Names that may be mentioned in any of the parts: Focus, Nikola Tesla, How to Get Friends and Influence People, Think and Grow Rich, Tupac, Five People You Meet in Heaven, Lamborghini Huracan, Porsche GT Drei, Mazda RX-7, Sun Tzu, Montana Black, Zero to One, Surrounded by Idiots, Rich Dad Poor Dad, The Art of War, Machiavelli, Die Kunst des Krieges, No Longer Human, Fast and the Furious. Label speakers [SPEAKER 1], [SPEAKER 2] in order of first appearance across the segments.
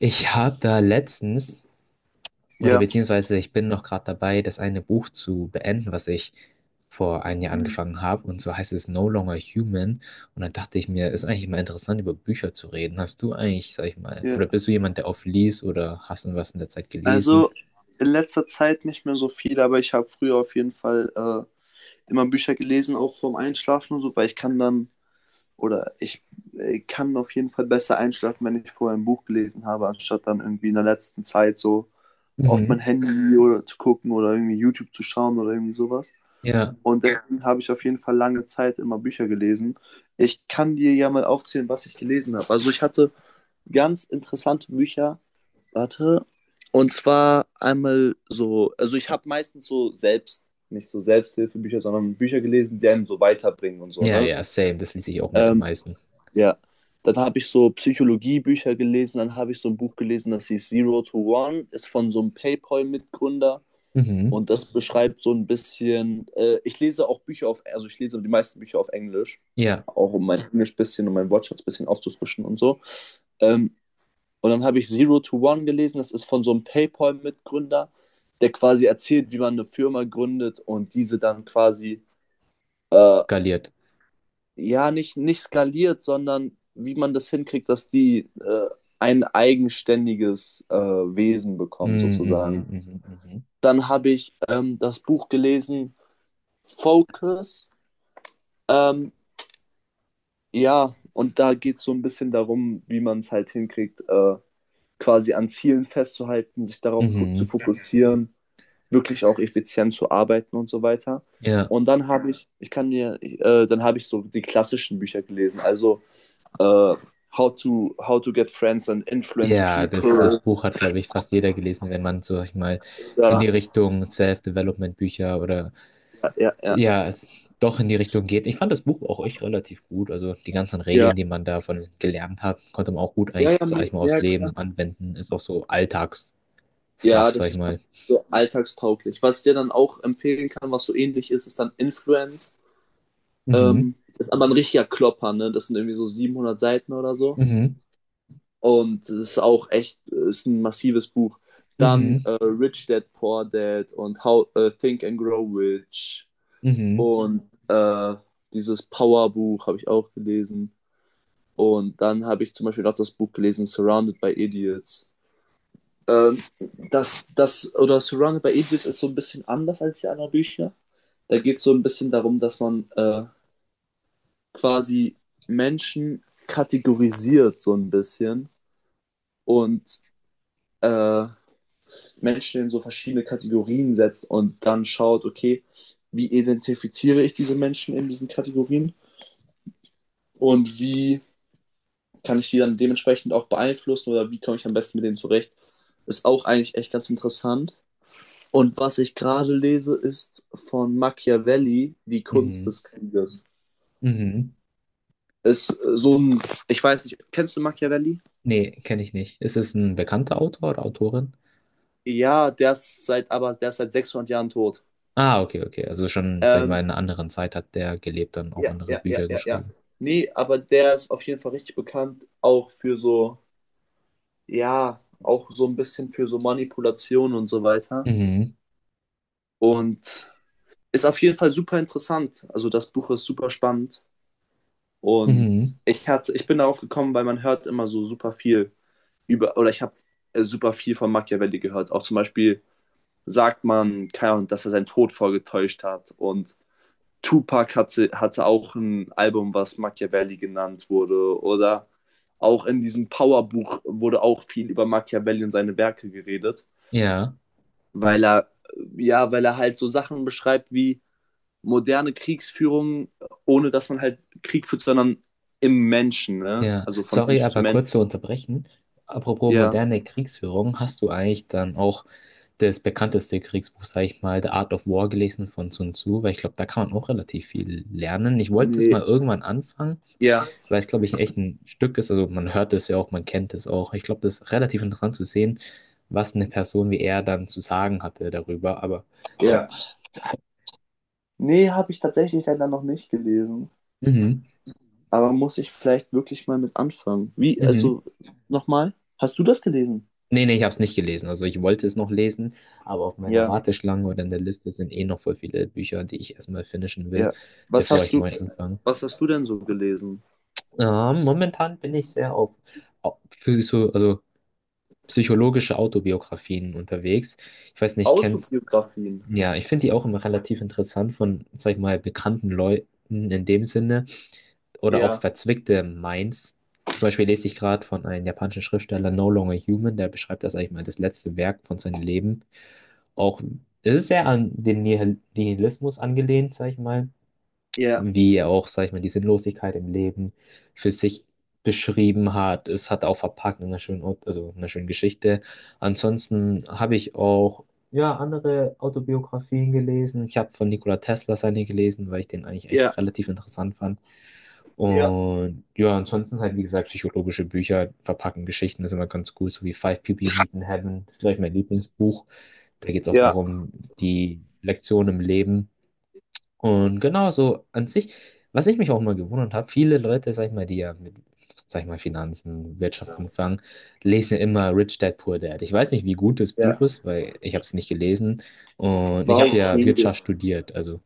[SPEAKER 1] Ich habe da letztens, oder
[SPEAKER 2] Ja.
[SPEAKER 1] beziehungsweise ich bin noch gerade dabei, das eine Buch zu beenden, was ich vor einem Jahr
[SPEAKER 2] Hm.
[SPEAKER 1] angefangen habe. Und zwar heißt es No Longer Human. Und dann dachte ich mir, ist eigentlich mal interessant, über Bücher zu reden. Hast du eigentlich, sag ich mal,
[SPEAKER 2] Ja.
[SPEAKER 1] oder bist du jemand, der oft liest oder hast du was in der Zeit gelesen?
[SPEAKER 2] Also in letzter Zeit nicht mehr so viel, aber ich habe früher auf jeden Fall immer Bücher gelesen, auch vorm Einschlafen und so, weil ich kann dann oder ich, kann auf jeden Fall besser einschlafen, wenn ich vorher ein Buch gelesen habe, anstatt dann irgendwie in der letzten Zeit so auf mein
[SPEAKER 1] Mhm.
[SPEAKER 2] Handy oder zu gucken oder irgendwie YouTube zu schauen oder irgendwie sowas.
[SPEAKER 1] Ja,
[SPEAKER 2] Und deswegen habe ich auf jeden Fall lange Zeit immer Bücher gelesen. Ich kann dir ja mal aufzählen, was ich gelesen habe. Also ich hatte ganz interessante Bücher. Warte. Und zwar einmal so, also ich habe meistens so selbst, nicht so Selbsthilfebücher, sondern Bücher gelesen, die einen so weiterbringen und so,
[SPEAKER 1] ja,
[SPEAKER 2] ne?
[SPEAKER 1] ja, same. Das lese ich auch mit am
[SPEAKER 2] Ähm,
[SPEAKER 1] meisten.
[SPEAKER 2] ja. Dann habe ich so Psychologiebücher gelesen, dann habe ich so ein Buch gelesen, das hieß Zero to One, ist von so einem PayPal-Mitgründer,
[SPEAKER 1] Mhm.
[SPEAKER 2] und das beschreibt so ein bisschen, ich lese auch Bücher auf, also ich lese die meisten Bücher auf Englisch,
[SPEAKER 1] Ja,
[SPEAKER 2] auch um mein Englisch bisschen und mein Wortschatz bisschen aufzufrischen und so. Ähm, und dann habe ich Zero to One gelesen, das ist von so einem PayPal-Mitgründer, der quasi erzählt, wie man eine Firma gründet und diese dann quasi, äh,
[SPEAKER 1] skaliert.
[SPEAKER 2] ja, nicht skaliert, sondern wie man das hinkriegt, dass die ein eigenständiges Wesen bekommen,
[SPEAKER 1] Mhm, mhm,
[SPEAKER 2] sozusagen.
[SPEAKER 1] mhm, mhm.
[SPEAKER 2] Dann habe ich das Buch gelesen, Focus. Ähm, ja, und da geht es so ein bisschen darum, wie man es halt hinkriegt, quasi an Zielen festzuhalten, sich
[SPEAKER 1] Mhm.
[SPEAKER 2] darauf fo zu
[SPEAKER 1] Mhm.
[SPEAKER 2] fokussieren, wirklich auch effizient zu arbeiten und so weiter.
[SPEAKER 1] Ja.
[SPEAKER 2] Und dann habe ich, ich kann dir, dann habe ich so die klassischen Bücher gelesen, also äh, How to Get Friends and Influence
[SPEAKER 1] Ja, das
[SPEAKER 2] People.
[SPEAKER 1] Buch hat, glaube ich, fast jeder gelesen, wenn man, sag ich mal, in die
[SPEAKER 2] Ja,
[SPEAKER 1] Richtung Self-Development-Bücher oder
[SPEAKER 2] ja, ja.
[SPEAKER 1] ja, doch in die Richtung geht. Ich fand das Buch auch echt relativ gut. Also die ganzen Regeln, die man davon gelernt hat, konnte man auch gut
[SPEAKER 2] Ja,
[SPEAKER 1] eigentlich,
[SPEAKER 2] ja,
[SPEAKER 1] sag ich mal, aufs
[SPEAKER 2] ja.
[SPEAKER 1] Leben anwenden. Ist auch so Alltagsstuff,
[SPEAKER 2] Ja,
[SPEAKER 1] sag
[SPEAKER 2] das
[SPEAKER 1] ich
[SPEAKER 2] ist
[SPEAKER 1] mal.
[SPEAKER 2] so alltagstauglich. Was ich dir dann auch empfehlen kann, was so ähnlich ist, ist dann Influence.
[SPEAKER 1] Mhm,
[SPEAKER 2] Ist aber ein richtiger Klopper, ne? Das sind irgendwie so 700 Seiten oder so.
[SPEAKER 1] mhm,
[SPEAKER 2] Und es ist auch echt, ist ein massives Buch. Dann
[SPEAKER 1] mhm,
[SPEAKER 2] Rich Dad Poor Dad und How Think and Grow Rich
[SPEAKER 1] mhm,
[SPEAKER 2] und dieses Power Buch habe ich auch gelesen. Und dann habe ich zum Beispiel auch das Buch gelesen, Surrounded by Idiots. Ähm, oder Surrounded by Idiots ist so ein bisschen anders als die anderen Bücher. Da geht es so ein bisschen darum, dass man quasi Menschen kategorisiert, so ein bisschen. Und äh, Menschen in so verschiedene Kategorien setzt und dann schaut, okay, wie identifiziere ich diese Menschen in diesen Kategorien und wie kann ich die dann dementsprechend auch beeinflussen oder wie komme ich am besten mit denen zurecht, ist auch eigentlich echt ganz interessant. Und was ich gerade lese, ist von Machiavelli, Die Kunst
[SPEAKER 1] mhm,
[SPEAKER 2] des Krieges.
[SPEAKER 1] mhm.
[SPEAKER 2] Ist so ein, ich weiß nicht, kennst du Machiavelli?
[SPEAKER 1] Nee, kenne ich nicht. Ist es ein bekannter Autor oder Autorin?
[SPEAKER 2] Ja, der ist seit, aber der ist seit 600 Jahren tot.
[SPEAKER 1] Ah, okay, okay. Also schon, sag ich mal,
[SPEAKER 2] Ähm,
[SPEAKER 1] in einer anderen Zeit hat der gelebt, dann auch
[SPEAKER 2] Ja,
[SPEAKER 1] andere
[SPEAKER 2] ja, ja,
[SPEAKER 1] Bücher
[SPEAKER 2] ja, ja.
[SPEAKER 1] geschrieben.
[SPEAKER 2] Nee, aber der ist auf jeden Fall richtig bekannt, auch für so, ja, auch so ein bisschen für so Manipulation und so weiter.
[SPEAKER 1] Mhm.
[SPEAKER 2] Und ist auf jeden Fall super interessant. Also das Buch ist super spannend. Und
[SPEAKER 1] Mhm.
[SPEAKER 2] ich hatte, ich bin darauf gekommen, weil man hört immer so super viel über, oder ich habe super viel von Machiavelli gehört. Auch zum Beispiel sagt man, keine Ahnung, dass er seinen Tod vorgetäuscht hat, und Tupac hatte, auch ein Album, was Machiavelli genannt wurde. Oder auch in diesem Powerbuch wurde auch viel über Machiavelli und seine Werke geredet,
[SPEAKER 1] Ja,
[SPEAKER 2] weil er, ja, weil er halt so Sachen beschreibt wie moderne Kriegsführung, ohne dass man halt Krieg führt, sondern im Menschen, ne?
[SPEAKER 1] ja.
[SPEAKER 2] Also von
[SPEAKER 1] Sorry,
[SPEAKER 2] Mensch zu
[SPEAKER 1] aber
[SPEAKER 2] Mensch.
[SPEAKER 1] kurz zu unterbrechen. Apropos
[SPEAKER 2] Ja.
[SPEAKER 1] moderne Kriegsführung, hast du eigentlich dann auch das bekannteste Kriegsbuch, sag ich mal, The Art of War gelesen von Sun Tzu? Weil ich glaube, da kann man auch relativ viel lernen. Ich wollte es mal
[SPEAKER 2] Nee,
[SPEAKER 1] irgendwann anfangen,
[SPEAKER 2] ja,
[SPEAKER 1] weil es, glaube ich, echt ein Stück ist. Also man hört es ja auch, man kennt es auch. Ich glaube, das ist relativ interessant zu sehen, was eine Person wie er dann zu sagen hatte darüber. Aber
[SPEAKER 2] ja.
[SPEAKER 1] ja.
[SPEAKER 2] Nee, habe ich tatsächlich leider noch nicht gelesen.
[SPEAKER 1] Mhm.
[SPEAKER 2] Aber muss ich vielleicht wirklich mal mit anfangen? Wie,
[SPEAKER 1] Mhm.
[SPEAKER 2] also, nochmal? Hast du das gelesen?
[SPEAKER 1] Nee, nee, ich habe es nicht gelesen. Also ich wollte es noch lesen, aber auf meiner
[SPEAKER 2] Ja.
[SPEAKER 1] Warteschlange oder in der Liste sind eh noch voll viele Bücher, die ich erstmal finishen will,
[SPEAKER 2] Ja. Was
[SPEAKER 1] bevor
[SPEAKER 2] hast
[SPEAKER 1] ich
[SPEAKER 2] du,
[SPEAKER 1] neu anfange.
[SPEAKER 2] was hast du denn so gelesen?
[SPEAKER 1] Momentan bin ich sehr auf so, also psychologische Autobiografien unterwegs. Ich weiß nicht, kennst,
[SPEAKER 2] Autobiografien.
[SPEAKER 1] ja, ich finde die auch immer relativ interessant von, sag ich mal, bekannten Leuten in dem Sinne. Oder auch
[SPEAKER 2] Ja.
[SPEAKER 1] verzwickte Minds. Zum Beispiel lese ich gerade von einem japanischen Schriftsteller No Longer Human, der beschreibt das eigentlich mal das letzte Werk von seinem Leben. Auch es ist sehr an den Nihilismus angelehnt, sag ich mal,
[SPEAKER 2] Ja,
[SPEAKER 1] wie er auch, sag ich mal, die Sinnlosigkeit im Leben für sich beschrieben hat. Es hat er auch verpackt in einer schönen, also in einer schönen Geschichte. Ansonsten habe ich auch, ja, andere Autobiografien gelesen. Ich habe von Nikola Tesla seine gelesen, weil ich den eigentlich echt
[SPEAKER 2] ja,
[SPEAKER 1] relativ interessant fand.
[SPEAKER 2] ja,
[SPEAKER 1] Und ja, ansonsten halt, wie gesagt, psychologische Bücher verpacken Geschichten, das ist immer ganz cool, so wie Five People You Meet in Heaven, das ist, glaube ich, mein Lieblingsbuch. Da geht es auch
[SPEAKER 2] ja,
[SPEAKER 1] darum, die Lektion im Leben. Und genau so an sich, was ich mich auch mal gewundert habe, viele Leute, sag ich mal, die ja mit, sag ich mal, Finanzen, Wirtschaft anfangen, lesen ja immer Rich Dad Poor Dad. Ich weiß nicht, wie gut das
[SPEAKER 2] ja.
[SPEAKER 1] Buch ist, weil ich habe es nicht gelesen, und ich
[SPEAKER 2] War
[SPEAKER 1] habe ja
[SPEAKER 2] okay.
[SPEAKER 1] Wirtschaft studiert, also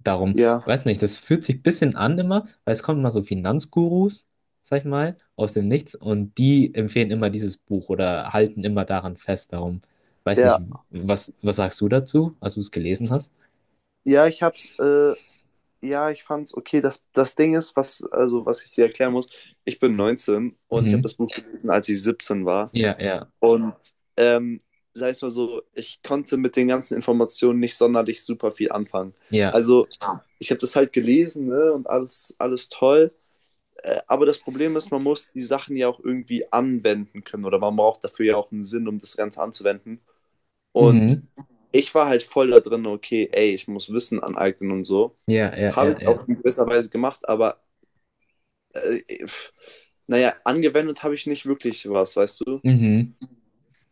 [SPEAKER 1] darum,
[SPEAKER 2] Ja,
[SPEAKER 1] weiß nicht, das fühlt sich ein bisschen an immer, weil es kommen immer so Finanzgurus, sag ich mal, aus dem Nichts und die empfehlen immer dieses Buch oder halten immer daran fest, darum, weiß
[SPEAKER 2] ja,
[SPEAKER 1] nicht, was sagst du dazu, als du es gelesen hast?
[SPEAKER 2] ja, ich hab's, ja, ich fand's okay. Das Ding ist, was, also, was ich dir erklären muss, ich bin 19 und ich habe
[SPEAKER 1] Mhm.
[SPEAKER 2] das Buch gelesen, als ich 17 war.
[SPEAKER 1] Ja, ja.
[SPEAKER 2] Und, ähm, sag ich mal so, ich konnte mit den ganzen Informationen nicht sonderlich super viel anfangen.
[SPEAKER 1] Ja.
[SPEAKER 2] Also, ich habe das halt gelesen, ne, und alles, alles toll. Aber das Problem ist, man muss die Sachen ja auch irgendwie anwenden können oder man braucht dafür ja auch einen Sinn, um das Ganze anzuwenden. Und
[SPEAKER 1] Mhm.
[SPEAKER 2] ich war halt voll da drin, okay, ey, ich muss Wissen aneignen und so.
[SPEAKER 1] Ja, ja,
[SPEAKER 2] Habe
[SPEAKER 1] ja,
[SPEAKER 2] ich auch
[SPEAKER 1] ja.
[SPEAKER 2] in gewisser Weise gemacht, aber äh, pff, naja, angewendet habe ich nicht wirklich was, weißt du?
[SPEAKER 1] Mhm.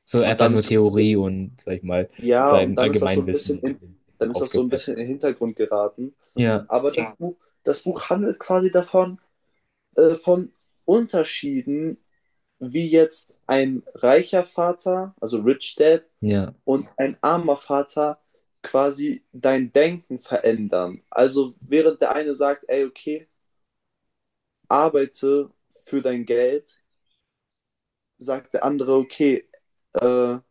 [SPEAKER 1] So
[SPEAKER 2] Und
[SPEAKER 1] einfach
[SPEAKER 2] dann
[SPEAKER 1] nur
[SPEAKER 2] ist,
[SPEAKER 1] Theorie und, sag ich mal,
[SPEAKER 2] ja, und
[SPEAKER 1] dein Allgemeinwissen
[SPEAKER 2] dann
[SPEAKER 1] immer
[SPEAKER 2] ist das so ein
[SPEAKER 1] aufgepeppt.
[SPEAKER 2] bisschen in den Hintergrund geraten.
[SPEAKER 1] Ja,
[SPEAKER 2] Aber das Buch, handelt quasi davon, von Unterschieden, wie jetzt ein reicher Vater, also Rich Dad,
[SPEAKER 1] ja,
[SPEAKER 2] und ein armer Vater quasi dein Denken verändern. Also während der eine sagt, ey, okay, arbeite für dein Geld, sagt der andere, okay, da,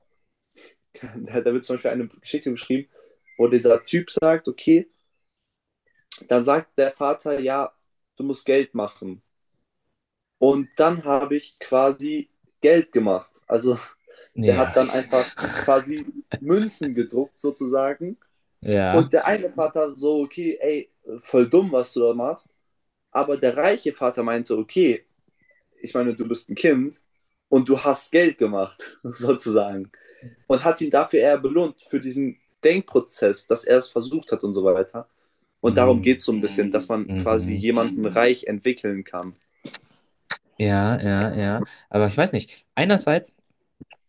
[SPEAKER 2] wird zum Beispiel eine Geschichte geschrieben, wo dieser Typ sagt, okay, dann sagt der Vater, ja, du musst Geld machen. Und dann habe ich quasi Geld gemacht. Also der
[SPEAKER 1] ja,
[SPEAKER 2] hat dann einfach quasi Münzen gedruckt, sozusagen.
[SPEAKER 1] ja.
[SPEAKER 2] Und der eine Vater so, okay, ey, voll dumm, was du da machst. Aber der reiche Vater meinte, okay, ich meine, du bist ein Kind und du hast Geld gemacht, sozusagen. Und hat ihn dafür eher belohnt, für diesen Denkprozess, dass er es versucht hat und so weiter. Und darum geht
[SPEAKER 1] Mhm.
[SPEAKER 2] es so ein bisschen, dass man quasi
[SPEAKER 1] Mhm.
[SPEAKER 2] jemanden reich entwickeln kann.
[SPEAKER 1] Ja, ja, ja. Aber ich weiß nicht. Einerseits.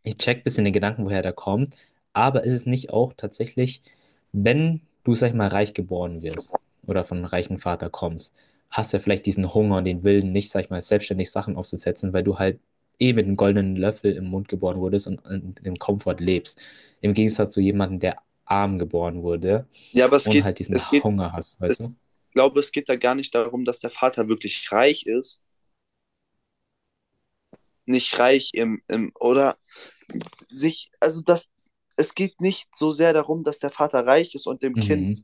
[SPEAKER 1] Ich check bisschen den Gedanken, woher der kommt, aber ist es nicht auch tatsächlich, wenn du, sag ich mal, reich geboren wirst oder von einem reichen Vater kommst, hast du ja vielleicht diesen Hunger und den Willen, nicht, sag ich mal, selbstständig Sachen aufzusetzen, weil du halt eh mit einem goldenen Löffel im Mund geboren wurdest und in dem Komfort lebst. Im Gegensatz zu jemandem, der arm geboren wurde
[SPEAKER 2] Ja, aber
[SPEAKER 1] und halt diesen Hunger hast,
[SPEAKER 2] es,
[SPEAKER 1] weißt du?
[SPEAKER 2] ich glaube, es geht da gar nicht darum, dass der Vater wirklich reich ist. Nicht reich im, oder sich, also das, es geht nicht so sehr darum, dass der Vater reich ist und dem Kind
[SPEAKER 1] Mhm,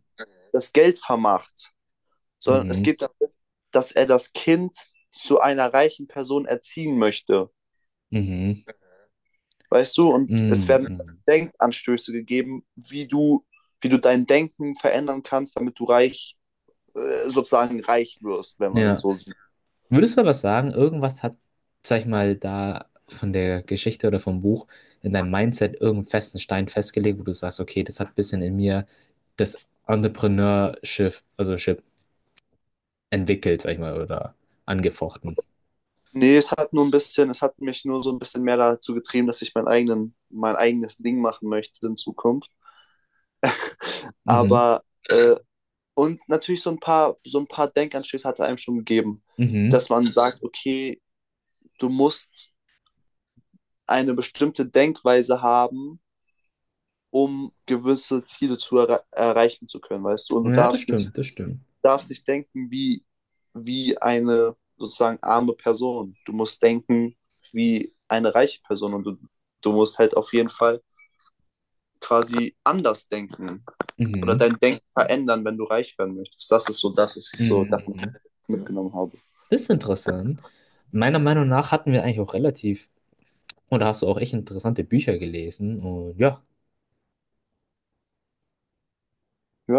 [SPEAKER 2] das Geld vermacht, sondern es
[SPEAKER 1] mhm,
[SPEAKER 2] geht darum, dass er das Kind zu einer reichen Person erziehen möchte.
[SPEAKER 1] mhm,
[SPEAKER 2] Weißt du, und es
[SPEAKER 1] mhm,
[SPEAKER 2] werden
[SPEAKER 1] mhm.
[SPEAKER 2] Denkanstöße gegeben, wie du, dein Denken verändern kannst, damit du reich, sozusagen reich wirst, wenn man
[SPEAKER 1] Ja.
[SPEAKER 2] so sieht.
[SPEAKER 1] Würdest du aber sagen, irgendwas hat, sag ich mal, da von der Geschichte oder vom Buch in deinem Mindset irgendeinen festen Stein festgelegt, wo du sagst, okay, das hat ein bisschen in mir das Entrepreneurship, also Ship entwickelt, sag ich mal, oder angefochten.
[SPEAKER 2] Nee, es hat nur ein bisschen, es hat mich nur so ein bisschen mehr dazu getrieben, dass ich meinen eigenen, mein eigenes Ding machen möchte in Zukunft.
[SPEAKER 1] Mhm,
[SPEAKER 2] Aber und natürlich so ein paar, Denkanstöße hat es einem schon gegeben,
[SPEAKER 1] mhm.
[SPEAKER 2] dass man sagt, okay, du musst eine bestimmte Denkweise haben, um gewisse Ziele zu erreichen zu können, weißt du? Und du
[SPEAKER 1] Ja, das
[SPEAKER 2] darfst nicht
[SPEAKER 1] stimmt, das stimmt.
[SPEAKER 2] denken wie, eine sozusagen arme Person. Du musst denken wie eine reiche Person und du, musst halt auf jeden Fall quasi anders denken oder
[SPEAKER 1] Mhm,
[SPEAKER 2] dein Denken verändern, wenn du reich werden möchtest. Das ist so das, was ich so
[SPEAKER 1] mhm,
[SPEAKER 2] davon
[SPEAKER 1] mhm.
[SPEAKER 2] mitgenommen habe.
[SPEAKER 1] Das ist interessant. Meiner Meinung nach hatten wir eigentlich auch relativ, oder hast du auch echt interessante Bücher gelesen und ja.
[SPEAKER 2] Ja.